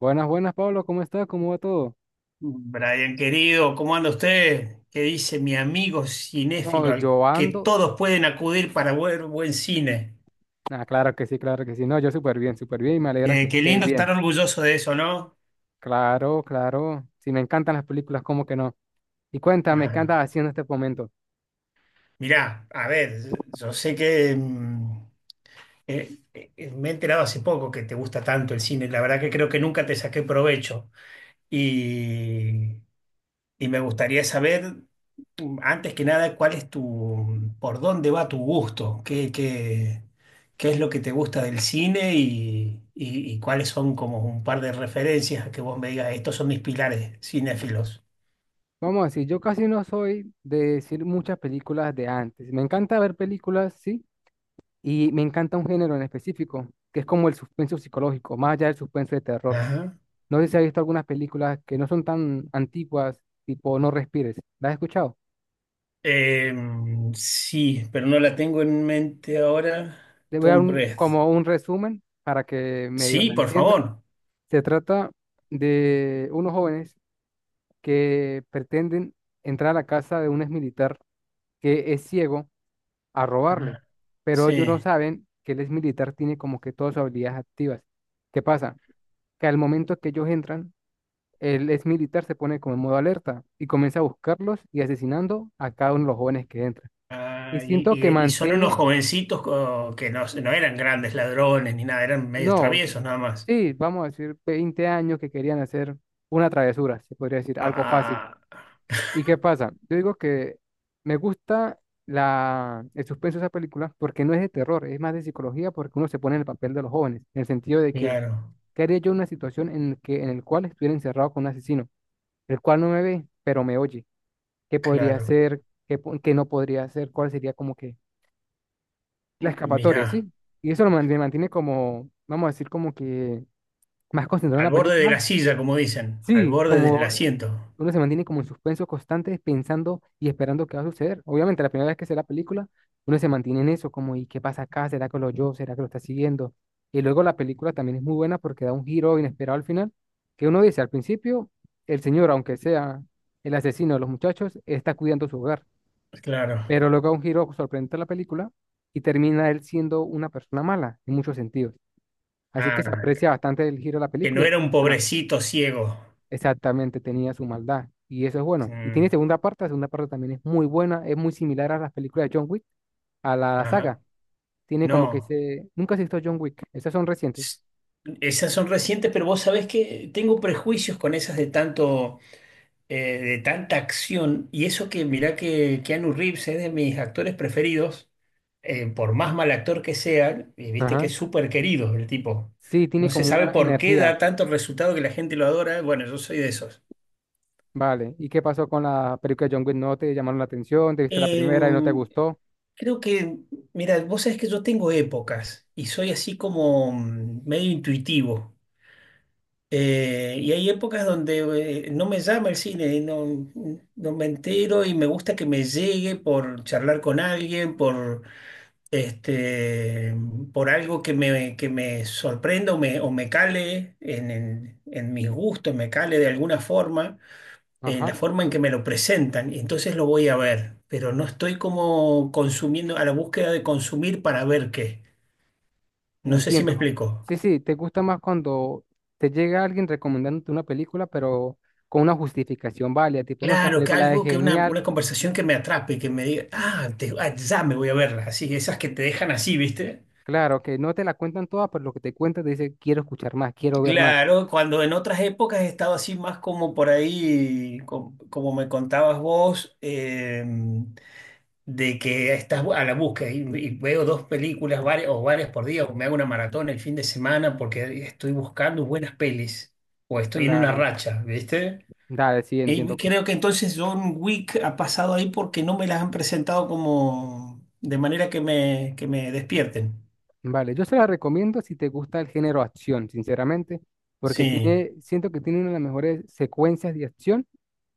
Buenas, buenas, Pablo, ¿cómo estás? ¿Cómo va todo? Brian, querido, ¿cómo anda usted? ¿Qué dice mi amigo No, cinéfilo yo al que ando. todos pueden acudir para ver buen cine? Ah, claro que sí, claro que sí. No, yo súper bien y me alegra que Qué estés lindo estar bien. orgulloso de eso, ¿no? Claro, claro. Si me encantan las películas, ¿cómo que no? Y cuéntame, ¿qué Claro. andas haciendo en este momento? Mirá, a ver, yo sé que me he enterado hace poco que te gusta tanto el cine. La verdad que creo que nunca te saqué provecho. Y Y me gustaría saber, antes que nada, cuál es tu, por dónde va tu gusto, qué es lo que te gusta del cine y, y cuáles son como un par de referencias que vos me digas, estos son mis pilares cinéfilos. Vamos a decir, yo casi no soy de decir muchas películas de antes. Me encanta ver películas, sí, y me encanta un género en específico, que es como el suspenso psicológico, más allá del suspenso de terror. Ajá. No sé si has visto algunas películas que no son tan antiguas, tipo No Respires. ¿Las has escuchado? Sí, pero no la tengo en mente ahora. Te voy a dar Tom Breath. como un resumen para que medio Sí, la por entiendas. favor. Se trata de unos jóvenes que pretenden entrar a la casa de un exmilitar que es ciego a robarle, pero ellos no Sí. saben que el exmilitar tiene como que todas sus habilidades activas. ¿Qué pasa? Que al momento que ellos entran, el exmilitar se pone como en modo alerta y comienza a buscarlos y asesinando a cada uno de los jóvenes que entran. Y Ah, y, siento y- que y son unos mantiene, jovencitos que no, no eran grandes ladrones ni nada, eran medios no, traviesos nada más. sí, vamos a decir 20 años que querían hacer una travesura, se podría decir, algo fácil. Ah, ¿Y qué pasa? Yo digo que me gusta el suspenso de esa película porque no es de terror, es más de psicología porque uno se pone en el papel de los jóvenes, en el sentido de que, claro, ¿qué haría yo en una situación en el cual estuviera encerrado con un asesino, el cual no me ve, pero me oye? ¿Qué podría claro. hacer? ¿Qué, qué no podría hacer? ¿Cuál sería como que la escapatoria, Mirá, sí? Y eso me mantiene como, vamos a decir, como que más concentrado en al la borde de la película. silla, como dicen, al Sí, borde del como asiento. uno se mantiene como en suspenso constante, pensando y esperando qué va a suceder. Obviamente, la primera vez que se ve la película, uno se mantiene en eso, como, ¿y qué pasa acá? ¿Será que lo oyó? ¿Será que lo está siguiendo? Y luego la película también es muy buena porque da un giro inesperado al final, que uno dice, al principio, el señor, aunque sea el asesino de los muchachos, está cuidando su hogar, Claro. pero luego da un giro sorprendente a la película y termina él siendo una persona mala en muchos sentidos. Así que se Ah, aprecia bastante el giro de la que no película. era un pobrecito ciego. Exactamente, tenía su maldad. Y eso es bueno. Y tiene Mm, segunda parte, la segunda parte también es muy buena, es muy similar a las películas de John Wick, a la saga. ajá. Tiene como que No. se... Nunca se visto John Wick, esas son recientes. S- Esas son recientes, pero vos sabés que tengo prejuicios con esas de tanto, de tanta acción, y eso que mirá que Keanu Reeves es de mis actores preferidos, por más mal actor que sea, y viste que Ajá. es súper querido el tipo. Sí, tiene No se como sabe una por qué energía. da tanto resultado que la gente lo adora. Bueno, yo soy de esos. Vale. ¿Y qué pasó con la película de John Wick? ¿No te llamaron la atención? ¿Te viste la primera y no te Em, gustó? Creo que, mira, vos sabés que yo tengo épocas y soy así como medio intuitivo. Y hay épocas donde no me llama el cine, no, no me entero y me gusta que me llegue por charlar con alguien, por, este, por algo que me sorprenda o me cale en, en mis gustos, me cale de alguna forma, en Ajá. la forma en que me lo presentan. Y entonces lo voy a ver, pero no estoy como consumiendo, a la búsqueda de consumir para ver qué. No sé si me Entiendo. explico. Sí, sí, te gusta más cuando te llega alguien recomendándote una película, pero con una justificación válida, tipo, no, esta Claro, que película es algo, que genial. una conversación que me atrape, que me diga, ah, ya me voy a verla, así, esas que te dejan así, ¿viste? Claro, que no te la cuentan todas, pero lo que te cuentan te dice, quiero escuchar más, quiero ver más. Claro, cuando en otras épocas he estado así más como por ahí, me contabas vos, de que estás a la búsqueda y veo dos películas varias, o varias por día, o me hago una maratón el fin de semana porque estoy buscando buenas pelis, o estoy en una Claro, racha, ¿viste? dale, sí, Y entiendo. creo que entonces John Wick ha pasado ahí porque no me las han presentado como de manera que me despierten. Vale, yo se la recomiendo si te gusta el género acción, sinceramente, porque Sí, tiene, siento que tiene una de las mejores secuencias de acción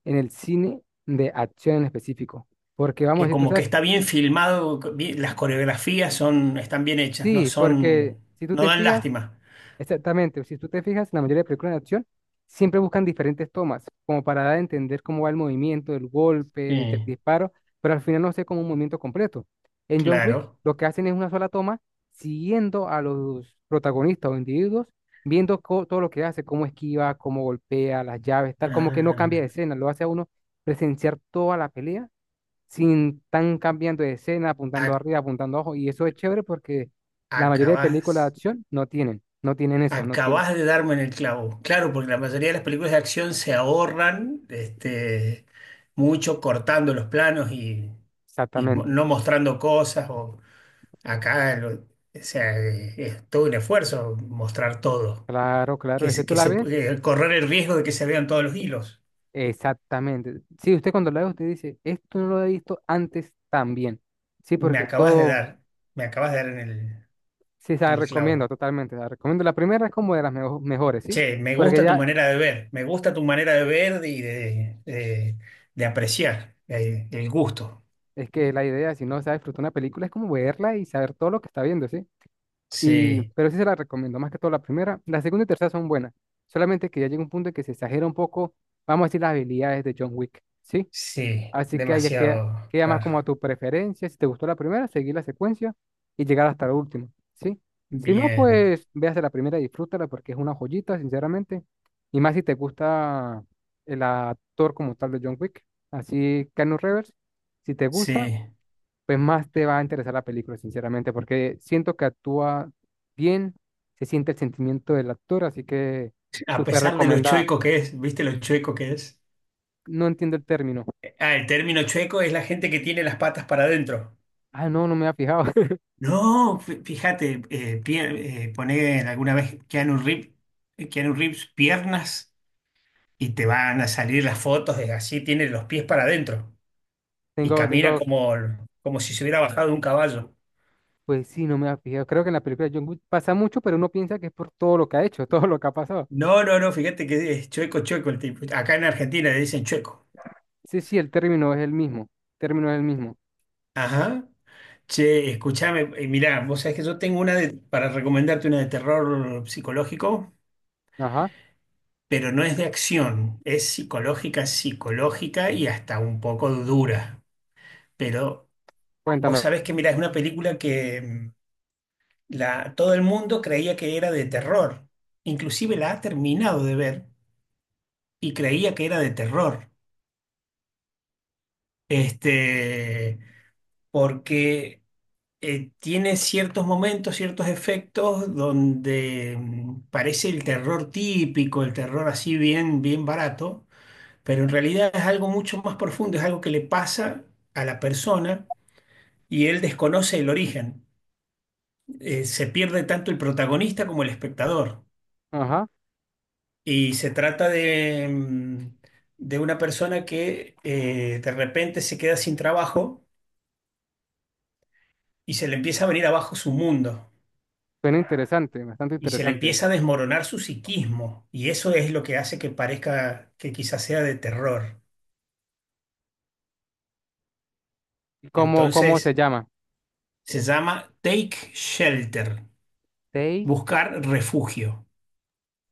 en el cine de acción en específico. Porque vamos, que si tú como que sabes, que- está bien filmado, las coreografías son, están bien hechas, no sí, son, porque si tú no te dan fijas, lástima. exactamente, si tú te fijas, la mayoría de películas de acción siempre buscan diferentes tomas, como para dar a entender cómo va el movimiento, el golpe, el Sí, disparo, pero al final no se ve como un movimiento completo. En John Wick, claro. lo que hacen es una sola toma, siguiendo a los protagonistas o individuos, viendo todo lo que hace, cómo esquiva, cómo golpea, las llaves, tal, como que no cambia de Ah, escena, lo hace a uno presenciar toda la pelea sin tan cambiando de escena, apuntando ac- arriba, apuntando abajo. Y eso es chévere porque la mayoría de películas de acabas. acción no tienen eso, no tienen. Acabás de darme en el clavo. Claro, porque la mayoría de las películas de acción se ahorran mucho cortando los planos y, Exactamente. no mostrando cosas. O acá o sea, es todo un esfuerzo mostrar todo. Claro, claro, es que tú la ves. Correr el riesgo de que se vean todos los hilos. Exactamente. Sí, usted cuando la ve, usted dice, esto no lo he visto antes también. Sí, Me porque acabas de todo, dar, me acabas de dar sí, se la en el recomiendo clavo. totalmente, se la recomiendo. La primera es como de las mejores, ¿sí? Che, me Porque gusta tu ya manera de ver, me gusta tu manera de ver y de, de apreciar el gusto. es que la idea, si no se disfrutar una película, es como verla y saber todo lo que está viendo, ¿sí? Y, Sí. pero sí se la recomiendo, más que todo la primera. La segunda y tercera son buenas. Solamente que ya llega un punto en que se exagera un poco, vamos a decir, las habilidades de John Wick, ¿sí? Sí, Así que ahí ya queda, demasiado, queda más como a claro. tu preferencia. Si te gustó la primera, seguir la secuencia y llegar hasta la última, ¿sí? Si no, Bien, pues véase la primera y disfrútala porque es una joyita, sinceramente. Y más si te gusta el actor como tal de John Wick, así Keanu Reeves. Si te gusta, sí. pues más te va a interesar la película, sinceramente, porque siento que actúa bien, se siente el sentimiento del actor, así que A súper pesar de lo recomendada. chueco que es, ¿viste lo chueco que es? No entiendo el término. Ah, el término chueco es la gente que tiene las patas para adentro. Ah, no, no me había fijado. No, fíjate, poné alguna vez Keanu Reeves, Keanu Reeves piernas y te van a salir las fotos de así, tiene los pies para adentro y Tengo, camina tengo, como, como si se hubiera bajado de un caballo. pues sí, no me había fijado. Creo que en la película de John Wick pasa mucho, pero uno piensa que es por todo lo que ha hecho, todo lo que ha pasado. No, no, no, fíjate que es chueco, chueco el tipo. Acá en Argentina le dicen chueco. Sí, sí, el término es el mismo. Término es el mismo. Ajá. Che, escúchame, mirá, vos sabés que yo tengo para recomendarte una de terror psicológico, Ajá, pero no es de acción, es psicológica, psicológica y hasta un poco dura. Pero cuéntame. vos sabés que, mirá, es una película que todo el mundo creía que era de terror, inclusive la ha terminado de ver y creía que era de terror. Este, Porque tiene ciertos momentos, ciertos efectos donde parece el terror típico, el terror así bien, bien barato, pero en realidad es algo mucho más profundo, es algo que le pasa a la persona y él desconoce el origen. Se pierde tanto el protagonista como el espectador. Ajá, Y se trata de una persona que de repente se queda sin trabajo y se le empieza a venir abajo su mundo. suena interesante, bastante Y se le interesante. empieza a desmoronar su psiquismo, y eso es lo que hace que parezca que quizás sea de terror. ¿Y ¿cómo, cómo se Entonces, llama? se llama Take Shelter, Seis buscar refugio.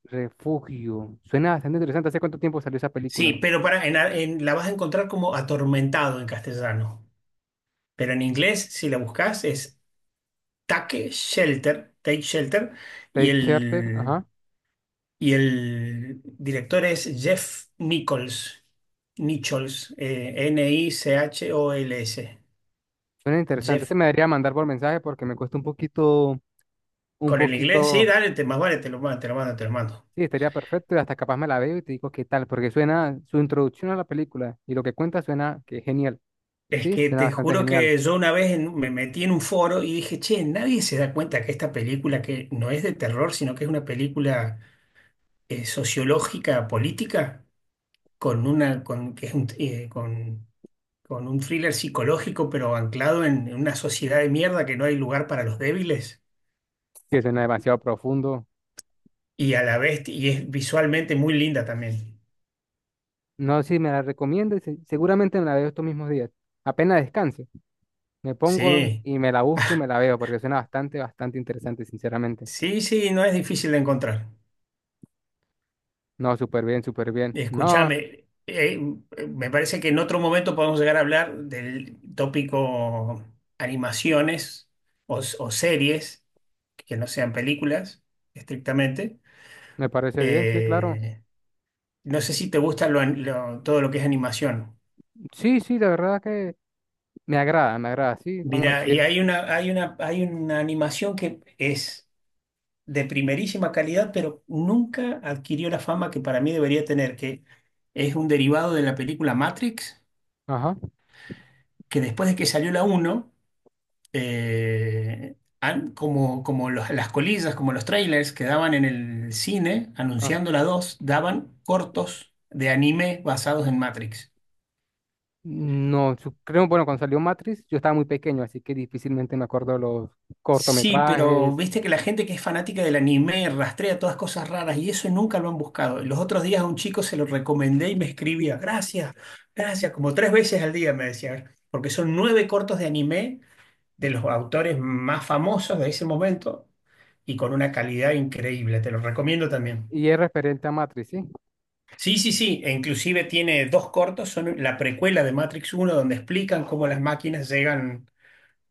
Refugio. Suena bastante interesante. ¿Hace cuánto tiempo salió esa Sí, película? pero para, en, la vas a encontrar como atormentado en castellano, pero en inglés, si la buscas, es Take Shelter, Take Shelter, y Tate Charter, el, ajá. y el director es Jeff Nichols. Nichols, Nichols. Suena interesante. Se Jeff. me debería mandar por mensaje porque me cuesta un poquito, un Con el inglés, sí, poquito. dale, más vale, te lo mando, te lo mando. Sí, estaría perfecto y hasta capaz me la veo y te digo qué tal, porque suena su introducción a la película y lo que cuenta suena que es genial. Es Sí, que suena te bastante juro genial. que yo una vez me metí en un foro y dije, che, nadie se da cuenta que esta película que no es de terror, sino que es una película sociológica, política, con una, con, que es un, con un thriller psicológico, pero anclado en una sociedad de mierda que no hay lugar para los débiles. Sí, suena demasiado profundo. Y a la vez, y es visualmente muy linda también. No sé si me la recomiendes, seguramente me la veo estos mismos días. Apenas descanse, me pongo Sí, y me la busco y me la veo porque suena bastante, bastante interesante, sinceramente. sí, sí, no es difícil de encontrar. No, súper bien, súper bien. No, Escúchame, me parece que en otro momento podemos llegar a hablar del tópico animaciones o series que no sean películas estrictamente. me parece bien, sí, claro. Eh, no sé si te gusta todo lo que es animación. Sí, sí, la verdad que me agrada, me agrada, sí, vamos a Mira, decir. y hay una animación que es de primerísima calidad, pero nunca adquirió la fama que para mí debería tener, que es un derivado de la película Matrix, Ajá. que después de que salió la uno como, como las colillas, como los trailers que daban en el cine Ah, anunciando la 2, daban cortos de anime basados en Matrix. no, creo, bueno, cuando salió Matrix, yo estaba muy pequeño, así que difícilmente me acuerdo los Sí, pero cortometrajes viste que la gente que es fanática del anime rastrea todas cosas raras y eso nunca lo han buscado. Los otros días a un chico se lo recomendé y me escribía, gracias, gracias, como tres veces al día me decía, porque son nueve cortos de anime de los autores más famosos de ese momento y con una calidad increíble. Te lo recomiendo también. y es referente a Matrix, sí. Sí, sí, sí, e inclusive tiene dos cortos, son la precuela de Matrix uno, donde explican cómo las máquinas llegan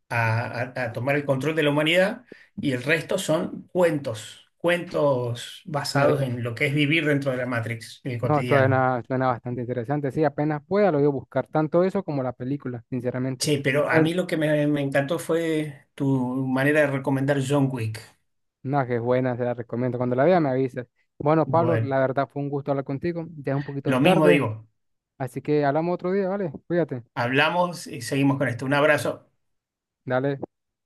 a tomar el control de la humanidad, y el resto son cuentos, cuentos Me- basados en lo que es vivir dentro de la Matrix, en el no, cotidiano. suena, suena bastante interesante, sí, apenas pueda lo voy a buscar, tanto eso como la película, sinceramente. Che, pero a Bueno, mí lo que me encantó fue tu manera de recomendar John Wick. no, que es buena, se la recomiendo. Cuando la vea me avisas. Bueno, Pablo, Bueno, la verdad fue un gusto hablar contigo, ya es un poquito lo mismo tarde, digo, así que hablamos otro día, ¿vale? Cuídate. hablamos y seguimos con esto. Un abrazo. Dale.